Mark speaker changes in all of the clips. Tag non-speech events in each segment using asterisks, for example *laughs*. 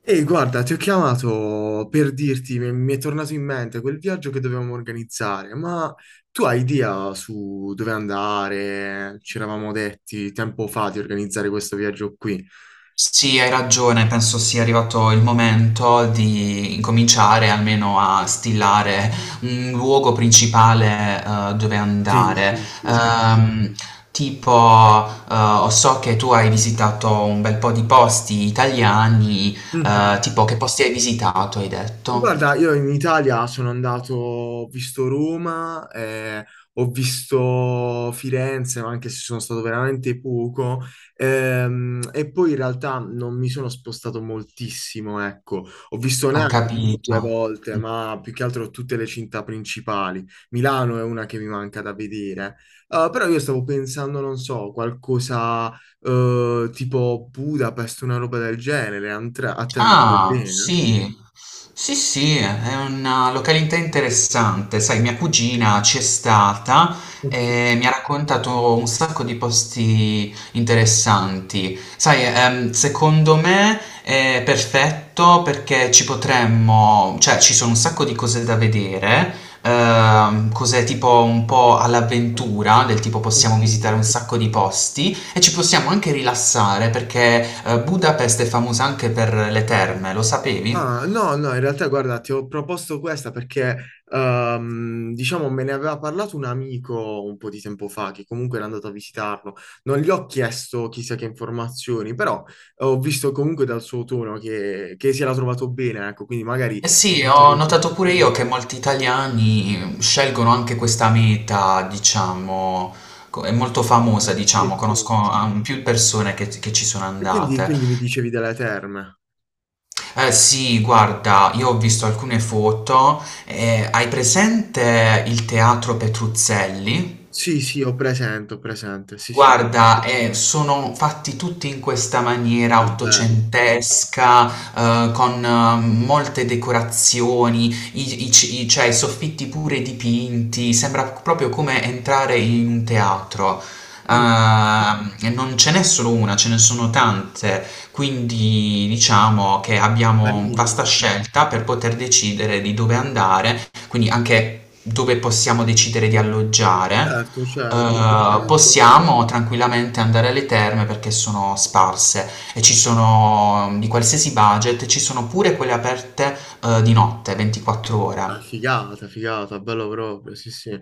Speaker 1: Ehi, guarda, ti ho chiamato per dirti, mi è tornato in mente quel viaggio che dovevamo organizzare, ma tu hai idea su dove andare? Ci eravamo detti tempo fa di organizzare questo viaggio qui.
Speaker 2: Sì, hai ragione, penso sia arrivato il momento di incominciare almeno a stilare un luogo principale, dove
Speaker 1: Sì,
Speaker 2: andare.
Speaker 1: sì, sì.
Speaker 2: Ehm, tipo, so che tu hai visitato un bel po' di posti italiani,
Speaker 1: Mhm.
Speaker 2: tipo che posti hai visitato hai detto?
Speaker 1: Guarda, io in Italia sono andato, ho visto Roma, ho visto Firenze, ma anche se sono stato veramente poco, e poi in realtà non mi sono spostato moltissimo, ecco. Ho visto
Speaker 2: Ho
Speaker 1: Napoli
Speaker 2: capito.
Speaker 1: due volte, ma più che altro tutte le città principali. Milano è una che mi manca da vedere. Però io stavo pensando, non so, qualcosa, tipo Budapest, una roba del genere, a te andrebbe
Speaker 2: Ah,
Speaker 1: bene?
Speaker 2: sì, sì, sì, è una località interessante. Sai, mia cugina c'è stata
Speaker 1: Ok.
Speaker 2: e mi ha raccontato un sacco di posti interessanti. Sai, secondo me è perfetto perché ci potremmo, cioè ci sono un sacco di cose da vedere, cose tipo un po' all'avventura, del tipo possiamo visitare un
Speaker 1: Ok.
Speaker 2: sacco di posti. E ci possiamo anche rilassare perché Budapest è famosa anche per le terme, lo sapevi?
Speaker 1: Ah, no, no, in realtà guarda, ti ho proposto questa perché, diciamo, me ne aveva parlato un amico un po' di tempo fa, che comunque era andato a visitarlo. Non gli ho chiesto chissà che informazioni, però ho visto comunque dal suo tono che si era trovato bene, ecco, quindi magari...
Speaker 2: Eh sì,
Speaker 1: Penso
Speaker 2: ho
Speaker 1: che tu-
Speaker 2: notato pure io che molti italiani scelgono anche questa meta, diciamo, è molto famosa,
Speaker 1: sì,
Speaker 2: diciamo,
Speaker 1: sì.
Speaker 2: conosco più persone che ci sono
Speaker 1: E quindi,
Speaker 2: andate.
Speaker 1: quindi mi dicevi delle terme.
Speaker 2: Eh sì, guarda, io ho visto alcune foto, hai presente il teatro Petruzzelli?
Speaker 1: Sì, sì, ho presente, sì, sì.
Speaker 2: Guarda, sono fatti tutti in questa maniera
Speaker 1: Ah, bello.
Speaker 2: ottocentesca, con molte decorazioni, cioè, i soffitti pure dipinti, sembra proprio come entrare in un teatro.
Speaker 1: Mm,
Speaker 2: E non ce n'è solo una, ce ne sono tante, quindi diciamo che abbiamo vasta
Speaker 1: carino.
Speaker 2: scelta per poter decidere di dove andare, quindi anche dove possiamo decidere di alloggiare.
Speaker 1: Certo, certo. Ehm,
Speaker 2: Possiamo tranquillamente andare alle terme perché sono sparse e ci sono di qualsiasi budget, ci sono pure quelle aperte, di notte, 24
Speaker 1: Ah,
Speaker 2: ore.
Speaker 1: figata, figata, bello proprio, sì, sì.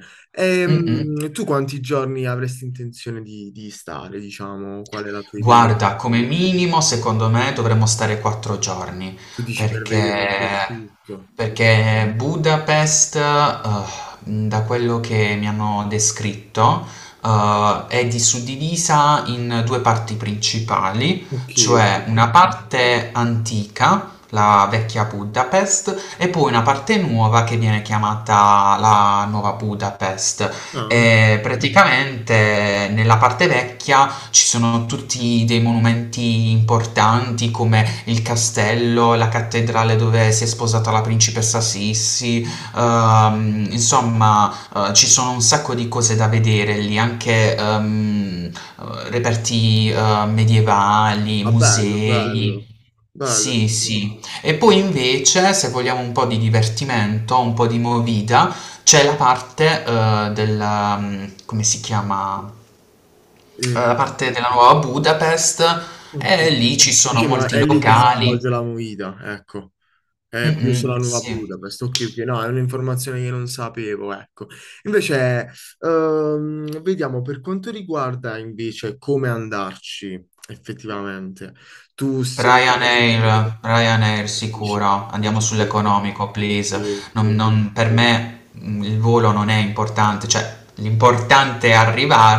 Speaker 2: Mm-mm.
Speaker 1: Tu quanti giorni avresti intenzione di stare, diciamo? Qual è la tua idea?
Speaker 2: Guarda, come minimo secondo me dovremmo stare 4 giorni,
Speaker 1: Tu dici per vedere un po'
Speaker 2: perché,
Speaker 1: tutto.
Speaker 2: perché Budapest, da quello che mi hanno descritto, è suddivisa in due parti principali,
Speaker 1: Ok, ok.
Speaker 2: cioè una parte antica, la vecchia Budapest, e poi una parte nuova che viene chiamata la nuova Budapest.
Speaker 1: Ah,
Speaker 2: E praticamente nella parte vecchia ci sono tutti dei monumenti importanti come il castello, la cattedrale dove si è sposata la principessa Sissi, insomma, ci sono un sacco di cose da vedere lì, anche reperti medievali,
Speaker 1: ah, bello,
Speaker 2: musei.
Speaker 1: bello, bello,
Speaker 2: Sì,
Speaker 1: sì, sì.
Speaker 2: sì. E poi invece, se vogliamo un po' di divertimento, un po' di movida, c'è la parte come si chiama?
Speaker 1: Eh,
Speaker 2: Da parte della nuova Budapest
Speaker 1: ok.
Speaker 2: e lì ci sono
Speaker 1: Diciamo,
Speaker 2: molti
Speaker 1: è lì che si svolge
Speaker 2: locali.
Speaker 1: la movida, ecco. È più
Speaker 2: Mh-mh,
Speaker 1: sulla nuova
Speaker 2: sì.
Speaker 1: Budapest, ok, ok, no, è un'informazione che non sapevo, ecco. Invece, vediamo per quanto riguarda invece come andarci effettivamente. Tu sei...
Speaker 2: Ryanair
Speaker 1: dici,
Speaker 2: sicuro, andiamo
Speaker 1: ok,
Speaker 2: sull'economico,
Speaker 1: ok,
Speaker 2: please.
Speaker 1: ok.
Speaker 2: Non per me, il volo non è importante, cioè l'importante è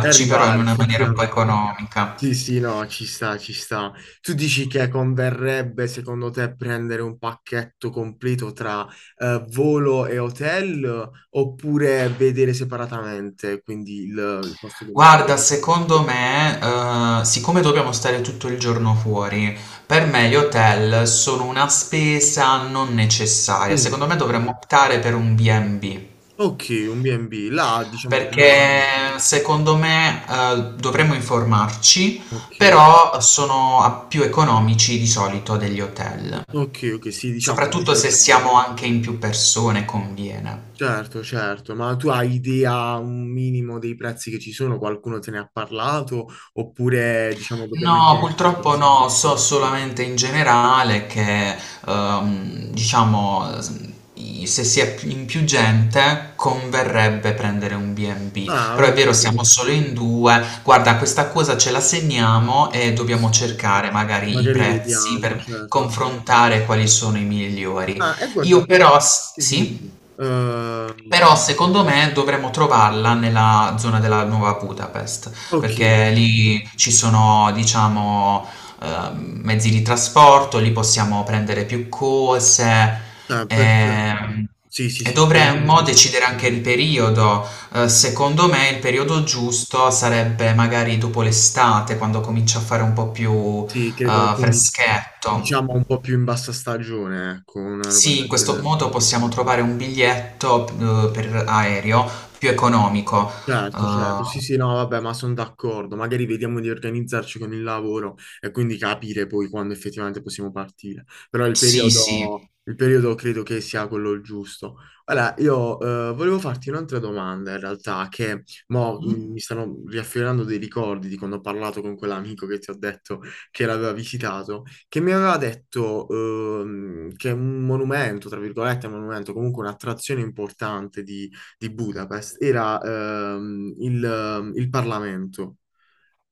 Speaker 1: E
Speaker 2: però in
Speaker 1: arrivare
Speaker 2: una maniera un po'
Speaker 1: effettivamente.
Speaker 2: economica.
Speaker 1: Sì, sì, no, ci sta, ci sta. Tu dici che converrebbe secondo te prendere un pacchetto completo tra volo e hotel oppure vedere separatamente, quindi il costo del
Speaker 2: Guarda,
Speaker 1: volo?
Speaker 2: secondo me, siccome dobbiamo stare tutto il giorno fuori, per me gli hotel sono una spesa non necessaria.
Speaker 1: Mm.
Speaker 2: Secondo me dovremmo optare per un B&B,
Speaker 1: Ok, un B&B, là diciamo come sono.
Speaker 2: perché secondo me, dovremmo informarci,
Speaker 1: Ok,
Speaker 2: però sono più economici di solito degli hotel,
Speaker 1: ok, ok, sì, diciamo un
Speaker 2: soprattutto
Speaker 1: po'
Speaker 2: se
Speaker 1: come...
Speaker 2: siamo anche in più persone, conviene.
Speaker 1: Certo, certo, ma tu hai idea un minimo dei prezzi che ci sono? Qualcuno te ne ha parlato? Oppure diciamo dobbiamo
Speaker 2: No,
Speaker 1: imparare?
Speaker 2: purtroppo no, so solamente in generale che, diciamo, se si è in più gente converrebbe prendere un B&B,
Speaker 1: Ah,
Speaker 2: però è vero,
Speaker 1: ok.
Speaker 2: siamo, sì, solo in due. Guarda, questa cosa ce la segniamo e
Speaker 1: Sì,
Speaker 2: dobbiamo
Speaker 1: sì.
Speaker 2: cercare magari i
Speaker 1: Magari
Speaker 2: prezzi
Speaker 1: vediamo,
Speaker 2: per
Speaker 1: certo. Sì, sì.
Speaker 2: confrontare quali sono i migliori.
Speaker 1: Ah, e
Speaker 2: Io
Speaker 1: guarda,
Speaker 2: però,
Speaker 1: sì, dimmi,
Speaker 2: sì?
Speaker 1: dimmi.
Speaker 2: Però secondo me dovremmo trovarla nella zona della Nuova Budapest,
Speaker 1: Ok,
Speaker 2: perché lì ci sono, diciamo, mezzi di trasporto, lì possiamo prendere più cose.
Speaker 1: ah, perfetto.
Speaker 2: ehm,
Speaker 1: Sì, sì,
Speaker 2: E
Speaker 1: sì,
Speaker 2: dovremmo decidere anche il periodo. Secondo me il periodo giusto sarebbe magari dopo l'estate, quando comincia a fare un po' più
Speaker 1: sì, credo, quindi
Speaker 2: freschetto.
Speaker 1: diciamo un po' più in bassa stagione, ecco, una roba
Speaker 2: Sì, in
Speaker 1: del
Speaker 2: questo
Speaker 1: genere.
Speaker 2: modo possiamo trovare un biglietto, per aereo più economico.
Speaker 1: Certo, certo,
Speaker 2: Uhm,
Speaker 1: sì, sì, no, vabbè, ma sono d'accordo. Magari vediamo di organizzarci con il lavoro e quindi capire poi quando effettivamente possiamo partire. Però
Speaker 2: sì, sì.
Speaker 1: il periodo credo che sia quello il giusto. Allora, io volevo farti un'altra domanda in realtà, che
Speaker 2: Mh.
Speaker 1: mi stanno riaffiorando dei ricordi di quando ho parlato con quell'amico che ti ho detto che l'aveva visitato, che mi aveva detto che un monumento, tra virgolette, un monumento, comunque un'attrazione importante di Budapest era il Parlamento.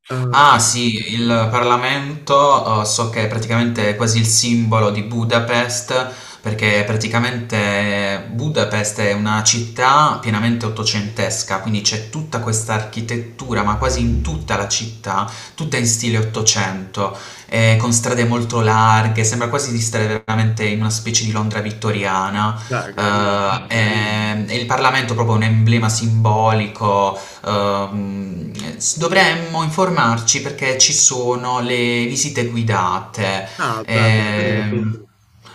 Speaker 1: Eh,
Speaker 2: Ah sì, il Parlamento so che è praticamente quasi il simbolo di Budapest, perché praticamente Budapest è una città pienamente ottocentesca, quindi c'è tutta questa architettura, ma quasi in tutta la città, tutta in stile ottocento, con strade molto larghe, sembra quasi di stare veramente in una specie di Londra vittoriana.
Speaker 1: beh,
Speaker 2: eh, Ah, che
Speaker 1: carino.
Speaker 2: bello. E il Parlamento è proprio un emblema simbolico. Ehm, Dovremmo informarci perché ci sono le visite guidate.
Speaker 1: Ah,
Speaker 2: Mm, sì.
Speaker 1: beh, beh, beh.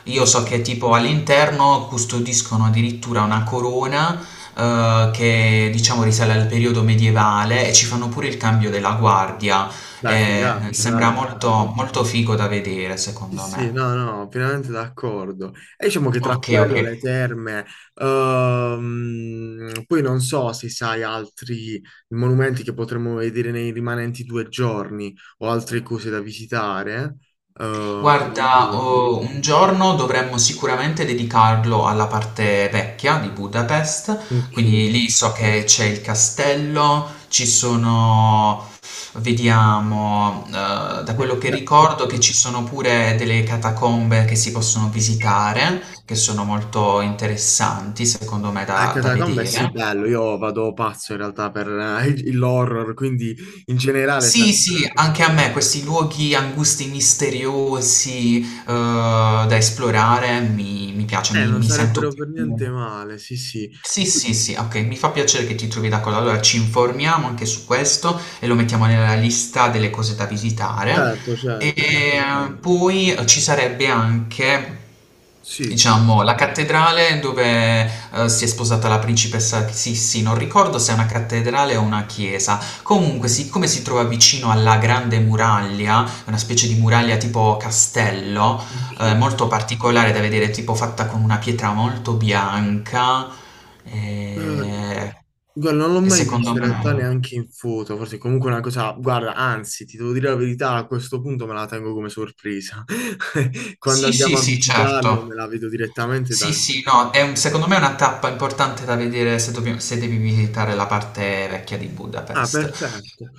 Speaker 2: Sì.
Speaker 1: Sì,
Speaker 2: Io so
Speaker 1: sì.
Speaker 2: che tipo all'interno custodiscono addirittura una corona che diciamo risale al periodo medievale e ci fanno pure il cambio della guardia.
Speaker 1: Beh, figata,
Speaker 2: Sembra
Speaker 1: dai.
Speaker 2: molto, molto figo da vedere,
Speaker 1: Sì,
Speaker 2: secondo
Speaker 1: sì,
Speaker 2: me.
Speaker 1: no, no, pienamente d'accordo. E diciamo che tra
Speaker 2: Ok, ok.
Speaker 1: quello, le terme, poi non so se sai altri monumenti che potremmo vedere nei rimanenti due giorni o altre cose da visitare. Eh, le
Speaker 2: Guarda,
Speaker 1: idee?
Speaker 2: oh, un giorno dovremmo sicuramente dedicarlo alla parte vecchia di Budapest,
Speaker 1: Ok.
Speaker 2: quindi lì so che c'è il castello, ci sono, vediamo, da
Speaker 1: Beh,
Speaker 2: quello che
Speaker 1: beh.
Speaker 2: ricordo che ci sono pure delle catacombe che si possono visitare, che sono molto interessanti secondo me da
Speaker 1: Anche
Speaker 2: da
Speaker 1: Catacombe è sì
Speaker 2: vedere.
Speaker 1: bello, io vado pazzo in realtà per l'horror, quindi in generale
Speaker 2: Sì,
Speaker 1: sarebbero una
Speaker 2: sì,
Speaker 1: cosa
Speaker 2: anche
Speaker 1: che...
Speaker 2: a me questi luoghi angusti, misteriosi, da esplorare mi piacciono, mi
Speaker 1: Non
Speaker 2: mi sento
Speaker 1: sarebbero
Speaker 2: più,
Speaker 1: per niente male, sì, sì.
Speaker 2: sì, sì, sì, ok, mi fa piacere che ti trovi d'accordo. Allora ci informiamo anche su questo e lo mettiamo nella lista delle cose da visitare.
Speaker 1: Certo,
Speaker 2: E
Speaker 1: certo, sì.
Speaker 2: poi ci sarebbe anche,
Speaker 1: Sì.
Speaker 2: diciamo, la cattedrale dove si è sposata la principessa Sissi. Non ricordo se è una cattedrale o una chiesa. Comunque, siccome si trova vicino alla Grande Muraglia, una specie di muraglia tipo castello,
Speaker 1: Ok.
Speaker 2: Molto particolare da vedere, tipo fatta con una pietra molto bianca, ehm,
Speaker 1: Guarda, non l'ho
Speaker 2: e
Speaker 1: mai
Speaker 2: secondo
Speaker 1: vista in realtà
Speaker 2: me
Speaker 1: neanche in foto, forse è comunque una cosa... Guarda, anzi, ti devo dire la verità, a questo punto me la tengo come sorpresa. *laughs* Quando
Speaker 2: sì, sì,
Speaker 1: andiamo a
Speaker 2: sì,
Speaker 1: visitarlo me
Speaker 2: certo.
Speaker 1: la vedo direttamente
Speaker 2: Sì,
Speaker 1: dal
Speaker 2: sì,
Speaker 1: vivo.
Speaker 2: no, secondo me è una tappa importante da vedere se devi visitare la parte vecchia di
Speaker 1: Ah,
Speaker 2: Budapest.
Speaker 1: perfetto.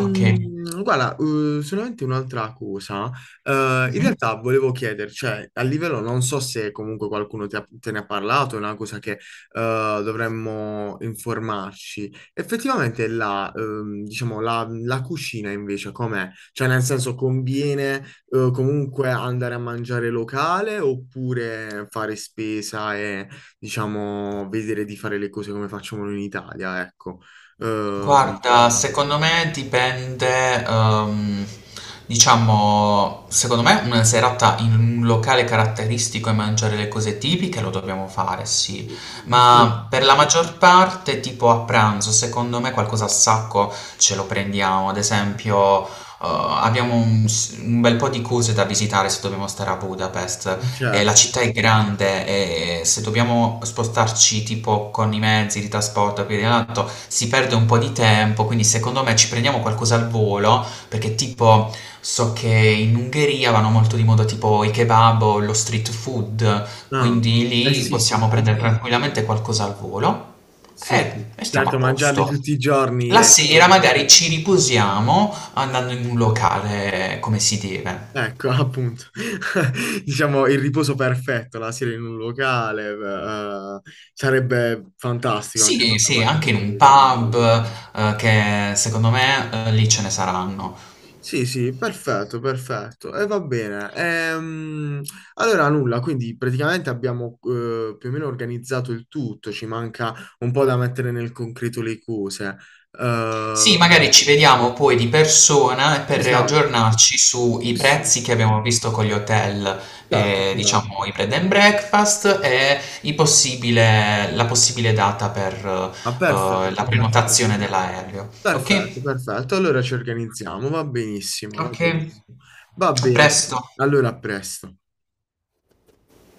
Speaker 2: Ok.
Speaker 1: Guarda, solamente un'altra cosa. In
Speaker 2: Mhm.
Speaker 1: realtà volevo chiedere, cioè, a livello, non so se comunque te ne ha parlato, è una cosa che dovremmo informarci. Effettivamente diciamo, la cucina invece com'è? Cioè, nel senso, conviene comunque andare a mangiare locale oppure fare spesa e, diciamo, vedere di fare le cose come facciamo in Italia, ecco? Ehm,
Speaker 2: Guarda, secondo me dipende, diciamo, secondo me una serata in un locale caratteristico e mangiare le cose tipiche lo dobbiamo fare, sì,
Speaker 1: sì,
Speaker 2: ma per la maggior parte, tipo a pranzo, secondo me qualcosa a sacco ce lo prendiamo, ad esempio. Abbiamo un bel po' di cose da visitare se dobbiamo stare a Budapest, la
Speaker 1: certo, sì.
Speaker 2: città è grande e se dobbiamo spostarci tipo con i mezzi di trasporto e via di là, si perde un po' di tempo, quindi secondo me ci prendiamo qualcosa al volo, perché tipo so che in Ungheria vanno molto di moda tipo i kebab o lo street food, quindi
Speaker 1: No,
Speaker 2: lì
Speaker 1: eh sì, sì,
Speaker 2: Possiamo
Speaker 1: sì,
Speaker 2: prendere, ok, tranquillamente qualcosa al volo
Speaker 1: sì, sì.
Speaker 2: e stiamo a
Speaker 1: Certo, mangiarli
Speaker 2: posto.
Speaker 1: tutti i giorni
Speaker 2: La,
Speaker 1: è...
Speaker 2: giusto, sera, giusto, magari ci riposiamo andando in un locale come si deve.
Speaker 1: Ecco, appunto, *laughs* diciamo il riposo perfetto, la sera in un locale, sarebbe fantastico anche
Speaker 2: Sì, sì,
Speaker 1: quella
Speaker 2: anche in
Speaker 1: mattina
Speaker 2: un
Speaker 1: vedere.
Speaker 2: pub, che secondo me, lì ce ne saranno.
Speaker 1: Sì, sì, perfetto, perfetto. E va bene. Allora, nulla, quindi praticamente abbiamo più o meno organizzato il tutto, ci manca un po' da mettere nel concreto le cose. Eh,
Speaker 2: Sì, magari ci vediamo poi di persona e per
Speaker 1: esatto,
Speaker 2: riaggiornarci sui
Speaker 1: sì,
Speaker 2: prezzi
Speaker 1: sì,
Speaker 2: che abbiamo visto con gli hotel,
Speaker 1: certo, certo.
Speaker 2: diciamo i bed and breakfast e i possibile la possibile data per,
Speaker 1: Ah,
Speaker 2: la
Speaker 1: perfetto, perfetto.
Speaker 2: prenotazione dell'aereo. Okay?
Speaker 1: Perfetto, perfetto. Allora ci organizziamo, va benissimo, va
Speaker 2: Okay.
Speaker 1: benissimo. Va
Speaker 2: A
Speaker 1: bene.
Speaker 2: presto.
Speaker 1: Allora, a presto.